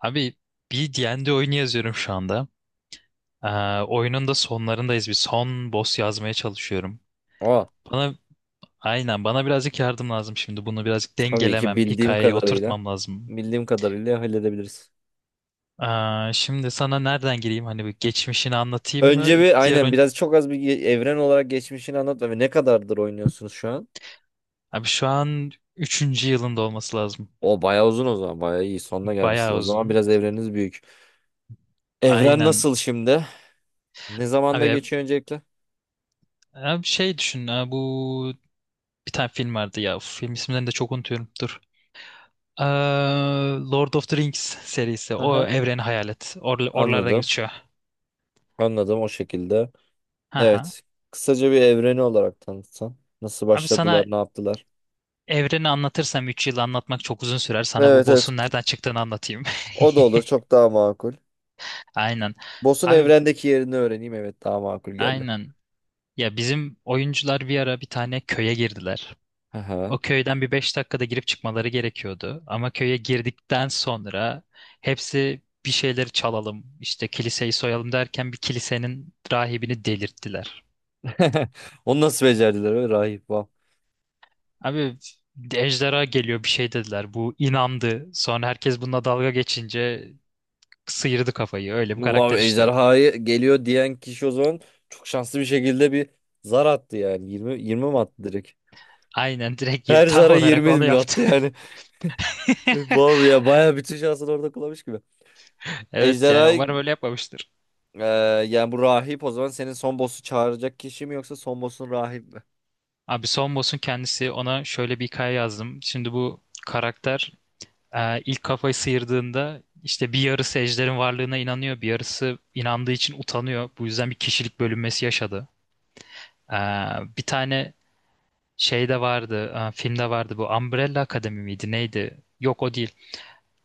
Abi bir D&D oyunu yazıyorum şu anda. Ee, Oyunun da sonlarındayız. Bir son boss yazmaya çalışıyorum. Aa, Bana aynen bana birazcık yardım lazım şimdi. Bunu birazcık tabii ki dengelemem, bildiğim hikayeye kadarıyla. oturtmam lazım. Bildiğim kadarıyla halledebiliriz. Şimdi sana nereden gireyim? Hani bir geçmişini anlatayım Önce mı? bir Diğer aynen oyun... biraz çok az bir evren olarak geçmişini anlat ve ne kadardır oynuyorsunuz şu an? Abi şu an üçüncü yılında olması lazım. O bayağı uzun o zaman. Bayağı iyi. Sonuna gelmişsiniz. Bayağı O zaman uzun. biraz evreniniz büyük. Evren Aynen. nasıl şimdi? Ne zamanda Abi, geçiyor öncelikle? abi şey düşün. Ha, Bu bir tane film vardı ya. Uf, film isimlerini de çok unutuyorum. Dur. Eee, Lord of the Rings serisi. O Aha, evreni hayal et. Oralarda anladım. geçiyor. Anladım o şekilde. Aha. Evet. Kısaca bir evreni olarak tanıtsan. Nasıl Abi başladılar, sana ne yaptılar? evreni anlatırsam 3 yıl anlatmak çok uzun sürer. Sana bu Evet, evet. boss'un nereden çıktığını anlatayım. O da olur. Çok daha makul. Aynen. Boss'un Abi evrendeki yerini öğreneyim. Evet, daha makul geldi. aynen. Ya bizim oyuncular bir ara bir tane köye girdiler. O Aha. köyden bir 5 dakikada girip çıkmaları gerekiyordu. Ama köye girdikten sonra hepsi bir şeyleri çalalım, işte kiliseyi soyalım derken bir kilisenin rahibini delirttiler. Onu nasıl becerdiler öyle, rahip, vav. Abi ejderha geliyor bir şey dediler. Bu inandı. Sonra herkes bununla dalga geçince sıyırdı kafayı. Öyle bir Vav, karakter işte. ejderhaya geliyor diyen kişi o zaman çok şanslı bir şekilde bir zar attı yani. 20, 20 mi attı direkt? Aynen direkt yeri Her tam zara olarak 20 onu mi yaptı. attı yani? Vav ya, bayağı bütün şansını orada kullanmış gibi. Evet, yani Ejderha, umarım öyle yapmamıştır. e, yani bu rahip o zaman senin son boss'u çağıracak kişi mi, yoksa son boss'un rahip mi? Abi son boss'un kendisi, ona şöyle bir hikaye yazdım. Şimdi bu karakter ilk kafayı sıyırdığında işte bir yarısı ejderin varlığına inanıyor. Bir yarısı inandığı için utanıyor. Bu yüzden bir kişilik bölünmesi yaşadı. E, bir tane Şey de vardı, filmde vardı, bu Umbrella Akademi miydi neydi? Yok, o değil.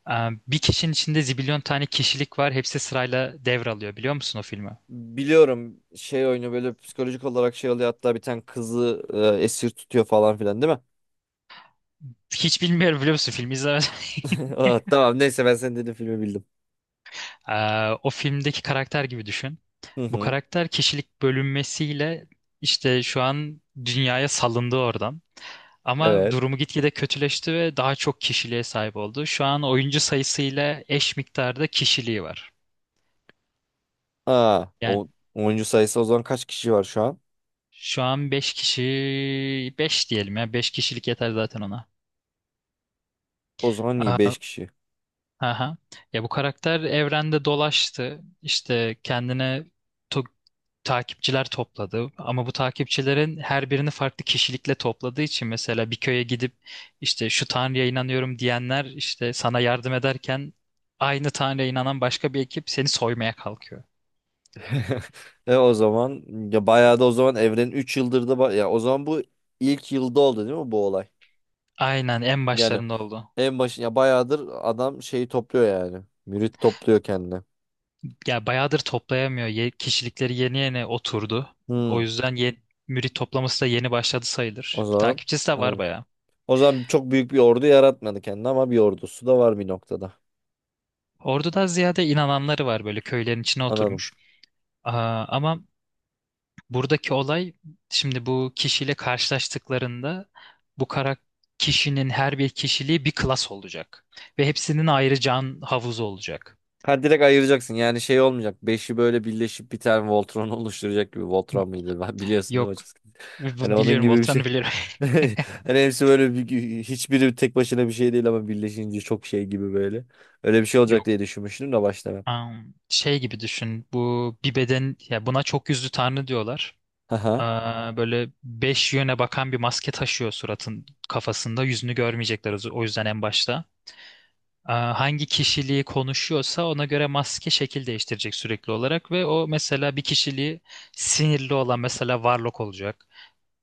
E, Bir kişinin içinde zibilyon tane kişilik var. Hepsi sırayla devralıyor, biliyor musun o filmi? Biliyorum, şey oyunu böyle psikolojik olarak şey oluyor, hatta bir tane kızı esir tutuyor falan filan değil mi? Hiç bilmiyorum, biliyor musun, filmi izlemedim. Ah, tamam, neyse ben senin dediğin filmi bildim. E, O filmdeki karakter gibi düşün. Hı Bu hı. karakter kişilik bölünmesiyle işte şu an dünyaya salındı oradan. Ama Evet. durumu gitgide kötüleşti ve daha çok kişiliğe sahip oldu. Şu an oyuncu sayısıyla eş miktarda kişiliği var. Aa, Yani o oyuncu sayısı o zaman kaç kişi var şu an? şu an 5 kişi, 5 diyelim, ya 5 kişilik yeter zaten ona. O zaman iyi, Aa, 5 kişi. aha. Ya bu karakter evrende dolaştı. İşte kendine to- takipçiler topladı, ama bu takipçilerin her birini farklı kişilikle topladığı için, mesela bir köye gidip işte şu tanrıya inanıyorum diyenler işte sana yardım ederken, aynı tanrıya inanan başka bir ekip seni soymaya kalkıyor. E, o zaman ya bayağı da o zaman evrenin 3 yıldır da ya o zaman bu ilk yılda oldu değil mi bu olay? Aynen, en Yani başlarında oldu. en başı, ya bayağıdır adam şeyi topluyor yani. Mürit topluyor kendine. Ya bayağıdır toplayamıyor. Kişilikleri yeni yeni oturdu. O Hmm, yüzden mürit toplaması da yeni başladı o sayılır. zaman Takipçisi de var anladım. bayağı. O zaman çok büyük bir ordu yaratmadı kendine ama bir ordusu da var bir noktada. Ordu'da ziyade inananları var, böyle köylerin içine Anladım. oturmuş. Aa, ama buradaki olay, şimdi bu kişiyle karşılaştıklarında, bu kişinin her bir kişiliği bir klas olacak. Ve hepsinin ayrı can havuzu olacak. Ha, direkt ayıracaksın. Yani şey olmayacak. Beşi böyle birleşip bir tane Voltron oluşturacak gibi. Voltron mıydı? Ben biliyorsun değil mi Yok. hocam? Hani onun Biliyorum, gibi bir şey. Voltran'ı biliyorum. Hani hepsi böyle bir, hiçbiri tek başına bir şey değil ama birleşince çok şey gibi böyle. Öyle bir şey olacak diye düşünmüştüm de başta ben. Şey gibi düşün. Bu bir beden, ya buna çok yüzlü tanrı diyorlar. Aha. Aa, böyle beş yöne bakan bir maske taşıyor suratın kafasında. Yüzünü görmeyecekler o yüzden en başta. Aa, hangi kişiliği konuşuyorsa ona göre maske şekil değiştirecek sürekli olarak ve o, mesela bir kişiliği sinirli olan, mesela Warlock olacak.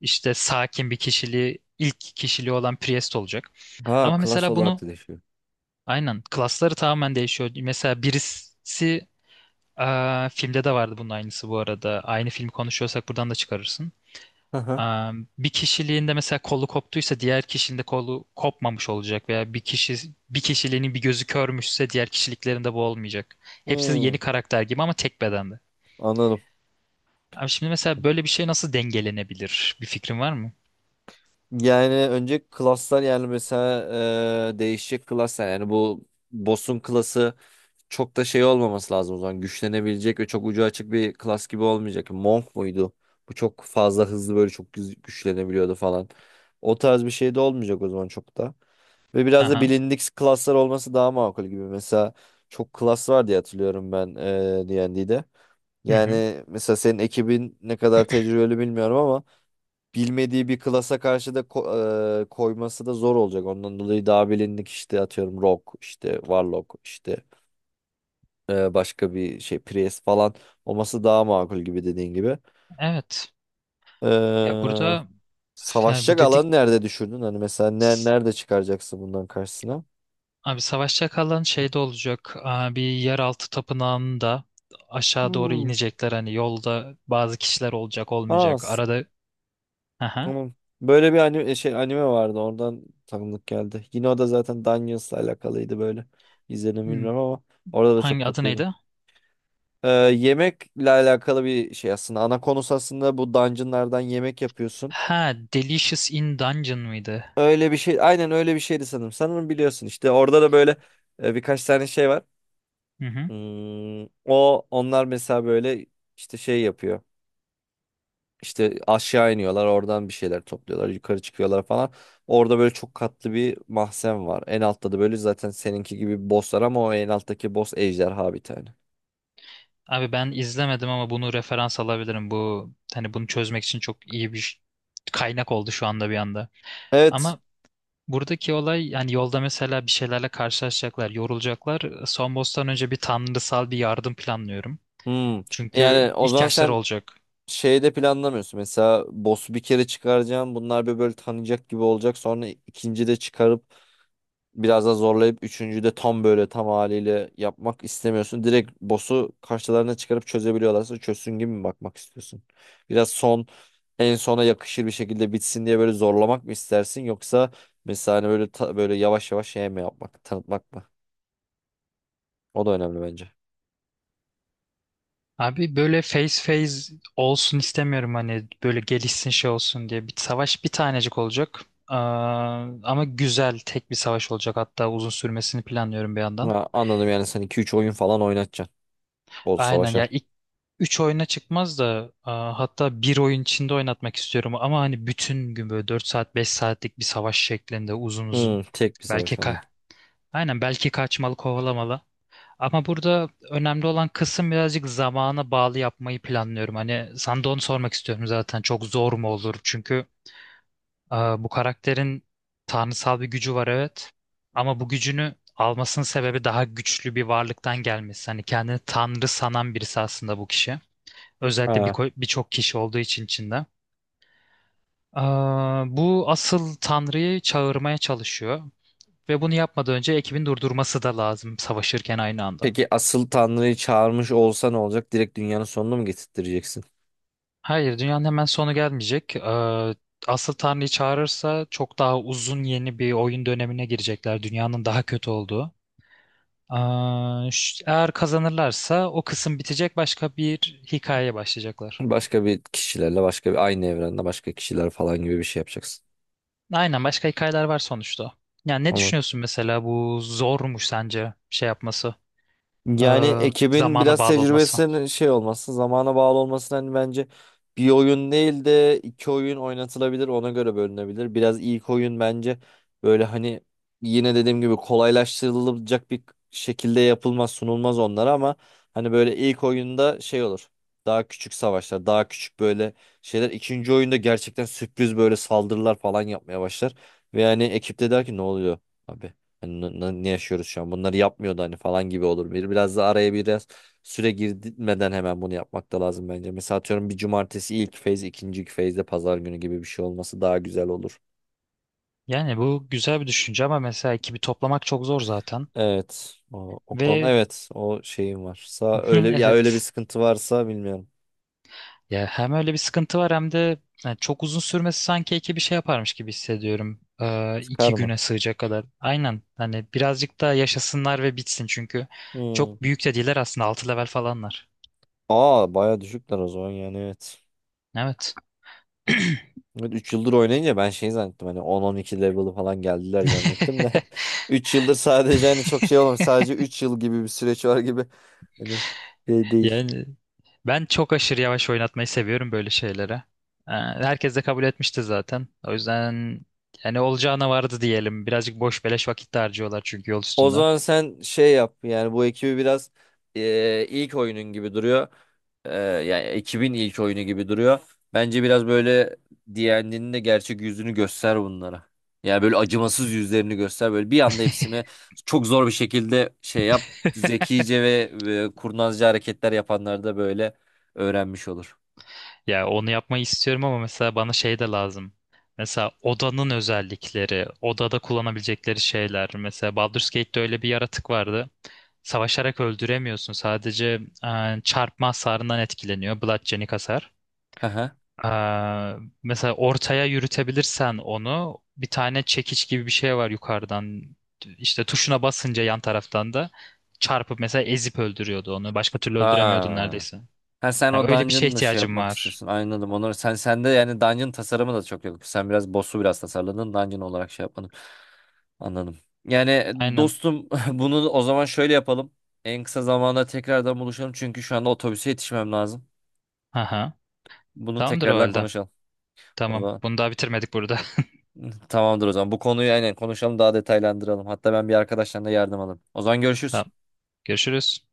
İşte sakin bir kişiliği, ilk kişiliği olan, Priest olacak. Ha, Ama klas mesela olarak bunu da değişiyor. aynen klasları tamamen değişiyor. Mesela birisi, aa, filmde de vardı bunun aynısı bu arada. Aynı filmi konuşuyorsak buradan da çıkarırsın. Aha. Aa, bir kişiliğinde mesela kolu koptuysa diğer kişinin de kolu kopmamış olacak veya bir kişi, bir kişiliğinin bir gözü körmüşse diğer kişiliklerinde bu olmayacak. Hepsi yeni Hmm, karakter gibi ama tek bedende. anladım. Abi şimdi mesela böyle bir şey nasıl dengelenebilir? Bir fikrin var mı? Yani önce klaslar, yani mesela değişecek klaslar, yani bu boss'un klası çok da şey olmaması lazım o zaman. Güçlenebilecek ve çok ucu açık bir klas gibi olmayacak. Monk muydu? Bu çok fazla hızlı böyle çok güçlenebiliyordu falan. O tarz bir şey de olmayacak o zaman çok da. Ve biraz da Aha. bilindik klaslar olması daha makul gibi. Mesela çok klas var diye hatırlıyorum ben D&D'de. Hı hı. Yani mesela senin ekibin ne kadar tecrübeli bilmiyorum ama bilmediği bir klasa karşı da koyması da zor olacak. Ondan dolayı daha bilindik, işte atıyorum Rock, işte Warlock, işte başka bir şey Prius falan olması daha makul gibi, dediğin gibi. Evet. Ya Ee, burada yani bu savaşacak dedik, alanı nerede düşündün? Hani mesela ne, nerede çıkaracaksın bundan karşısına? abi savaş çakalların şeyde olacak. Bir yeraltı tapınağında aşağı doğru Hmm. inecekler. Hani yolda bazı kişiler olacak Aa, olmayacak. Arada, aha. tamam. Böyle bir anime, şey, anime vardı, oradan tanıdık geldi. Yine o da zaten Dungeons'la alakalıydı böyle. İzledim mi Hmm, bilmiyorum ama orada da çok Hangi adı tatlıydı. neydi? Yemekle alakalı bir şey aslında. Ana konusu aslında bu dungeonlardan yemek yapıyorsun. Ha, Delicious in Dungeon mıydı? Öyle bir şey, aynen öyle bir şeydi sanırım. Sanırım biliyorsun, işte orada da böyle birkaç tane şey var. Hı hı. Hmm, onlar mesela böyle işte şey yapıyor. İşte aşağı iniyorlar, oradan bir şeyler topluyorlar, yukarı çıkıyorlar falan. Orada böyle çok katlı bir mahzen var. En altta da böyle zaten seninki gibi bir boss var ama o en alttaki boss ejderha bir tane. Abi ben izlemedim ama bunu referans alabilirim. Bu hani bunu çözmek için çok iyi bir kaynak oldu şu anda bir anda. Evet. Ama buradaki olay, yani yolda mesela bir şeylerle karşılaşacaklar, yorulacaklar. Son boss'tan önce bir tanrısal bir yardım planlıyorum. Hmm. Yani Çünkü o zaman ihtiyaçları sen olacak. şeyde planlamıyorsun. Mesela boss'u bir kere çıkaracağım. Bunlar bir böyle tanıyacak gibi olacak. Sonra ikinci de çıkarıp biraz daha zorlayıp üçüncüde tam böyle tam haliyle yapmak istemiyorsun. Direkt boss'u karşılarına çıkarıp çözebiliyorlarsa çözsün gibi mi bakmak istiyorsun? Biraz son en sona yakışır bir şekilde bitsin diye böyle zorlamak mı istersin, yoksa mesela hani böyle böyle yavaş yavaş şey mi yapmak, tanıtmak mı? Abi böyle face face olsun istemiyorum hani, böyle gelişsin şey olsun diye. Bir savaş, bir tanecik olacak. Aa, ama güzel tek bir savaş olacak. Hatta uzun sürmesini planlıyorum bir yandan. Ha, anladım, yani sen iki üç oyun falan oynatacaksın o Aynen, savaşa. ya ilk 3 oyuna çıkmaz da, hatta bir oyun içinde oynatmak istiyorum. Ama hani bütün gün böyle 4 saat 5 saatlik bir savaş şeklinde uzun uzun. Hmm, tek bir Belki savaş, anladım. ka Aynen, belki kaçmalı kovalamalı. Ama burada önemli olan kısım, birazcık zamana bağlı yapmayı planlıyorum. Hani sana da onu sormak istiyorum zaten. Çok zor mu olur? Çünkü bu karakterin tanrısal bir gücü var, evet. Ama bu gücünü almasının sebebi daha güçlü bir varlıktan gelmesi. Hani kendini tanrı sanan birisi aslında bu kişi. Özellikle Ha. Birçok kişi olduğu için içinde. E, Bu asıl tanrıyı çağırmaya çalışıyor. Ve bunu yapmadan önce ekibin durdurması da lazım, savaşırken aynı anda. Peki asıl Tanrı'yı çağırmış olsa ne olacak? Direkt dünyanın sonunu mu getirttireceksin? Hayır, dünyanın hemen sonu gelmeyecek. Asıl Tanrı'yı çağırırsa çok daha uzun yeni bir oyun dönemine girecekler. Dünyanın daha kötü olduğu. Eğer kazanırlarsa o kısım bitecek, başka bir hikayeye başlayacaklar. Başka bir kişilerle başka bir aynı evrende başka kişiler falan gibi bir şey yapacaksın. Aynen, başka hikayeler var sonuçta. Yani ne Ondan düşünüyorsun mesela, bu zormuş sence şey yapması, Yani ekibin zamana biraz bağlı olması? tecrübesinin şey olması, zamana bağlı olması, hani bence bir oyun değil de iki oyun oynatılabilir, ona göre bölünebilir. Biraz ilk oyun bence böyle hani yine dediğim gibi kolaylaştırılacak bir şekilde yapılmaz, sunulmaz onlara ama hani böyle ilk oyunda şey olur. Daha küçük savaşlar, daha küçük böyle şeyler. İkinci oyunda gerçekten sürpriz böyle saldırılar falan yapmaya başlar. Ve yani ekipte der ki ne oluyor? Abi, hani ne yaşıyoruz şu an? Bunları yapmıyordu hani falan gibi olur. Biraz da araya biraz süre girmeden hemen bunu yapmak da lazım bence. Mesela atıyorum bir cumartesi ilk feyz, ikinci feyzde pazar günü gibi bir şey olması daha güzel olur. Yani bu güzel bir düşünce ama mesela ekibi toplamak çok zor zaten. Evet. O konu, Ve evet, o şeyim varsa, öyle ya, öyle bir evet. sıkıntı varsa bilmiyorum. Ya hem öyle bir sıkıntı var hem de yani çok uzun sürmesi, sanki iki bir şey yaparmış gibi hissediyorum. Sıkar İki mı? güne sığacak kadar. Aynen. Hani birazcık daha yaşasınlar ve bitsin çünkü Hmm. çok büyük de değiller aslında, 6 level falanlar. Aa, baya düşükler o zaman, yani evet. Evet. Evet, 3 yıldır oynayınca ben şey zannettim, hani on on iki level'ı falan geldiler zannettim de. 3 yıldır sadece hani çok şey olmamış, sadece 3 yıl gibi bir süreç var gibi, hani şey değil. Yani ben çok aşırı yavaş oynatmayı seviyorum böyle şeylere. Herkes de kabul etmişti zaten. O yüzden yani olacağına vardı diyelim. Birazcık boş beleş vakit de harcıyorlar çünkü yol O üstünde. zaman sen şey yap, yani bu ekibi biraz ilk oyunun gibi duruyor. Eee, yani ekibin ilk oyunu gibi duruyor. Bence biraz böyle D&D'nin de gerçek yüzünü göster bunlara. Yani böyle acımasız yüzlerini göster. Böyle bir anda hepsini çok zor bir şekilde şey yap. Zekice ve kurnazca hareketler yapanlar da böyle öğrenmiş olur. Ya onu yapmayı istiyorum ama mesela bana şey de lazım. Mesela odanın özellikleri, odada kullanabilecekleri şeyler. Mesela Baldur's Gate'de öyle bir yaratık vardı. Savaşarak öldüremiyorsun. Sadece çarpma hasarından etkileniyor. Bludgeoning hasar. Ha ha. E, Mesela ortaya yürütebilirsen onu, bir tane çekiç gibi bir şey var yukarıdan. İşte tuşuna basınca yan taraftan da çarpıp mesela ezip öldürüyordu onu. Başka türlü öldüremiyordun Ha. neredeyse. Ha, sen Ha, o öyle bir şeye dungeon'la şey ihtiyacım yapmak var. istiyorsun. Anladım. Onları sen sende, yani dungeon tasarımı da çok yok. Sen biraz boss'u biraz tasarladın. Dungeon olarak şey yapmadın. Anladım. Yani, Aynen. dostum, bunu o zaman şöyle yapalım. En kısa zamanda tekrardan buluşalım. Çünkü şu anda otobüse yetişmem lazım. Aha. Bunu Tamamdır o tekrardan halde. konuşalım. O Tamam. zaman Bunu daha bitirmedik burada. tamamdır o zaman. Bu konuyu aynen konuşalım, daha detaylandıralım. Hatta ben bir arkadaştan da yardım alayım. O zaman Tamam. görüşürüz. Görüşürüz.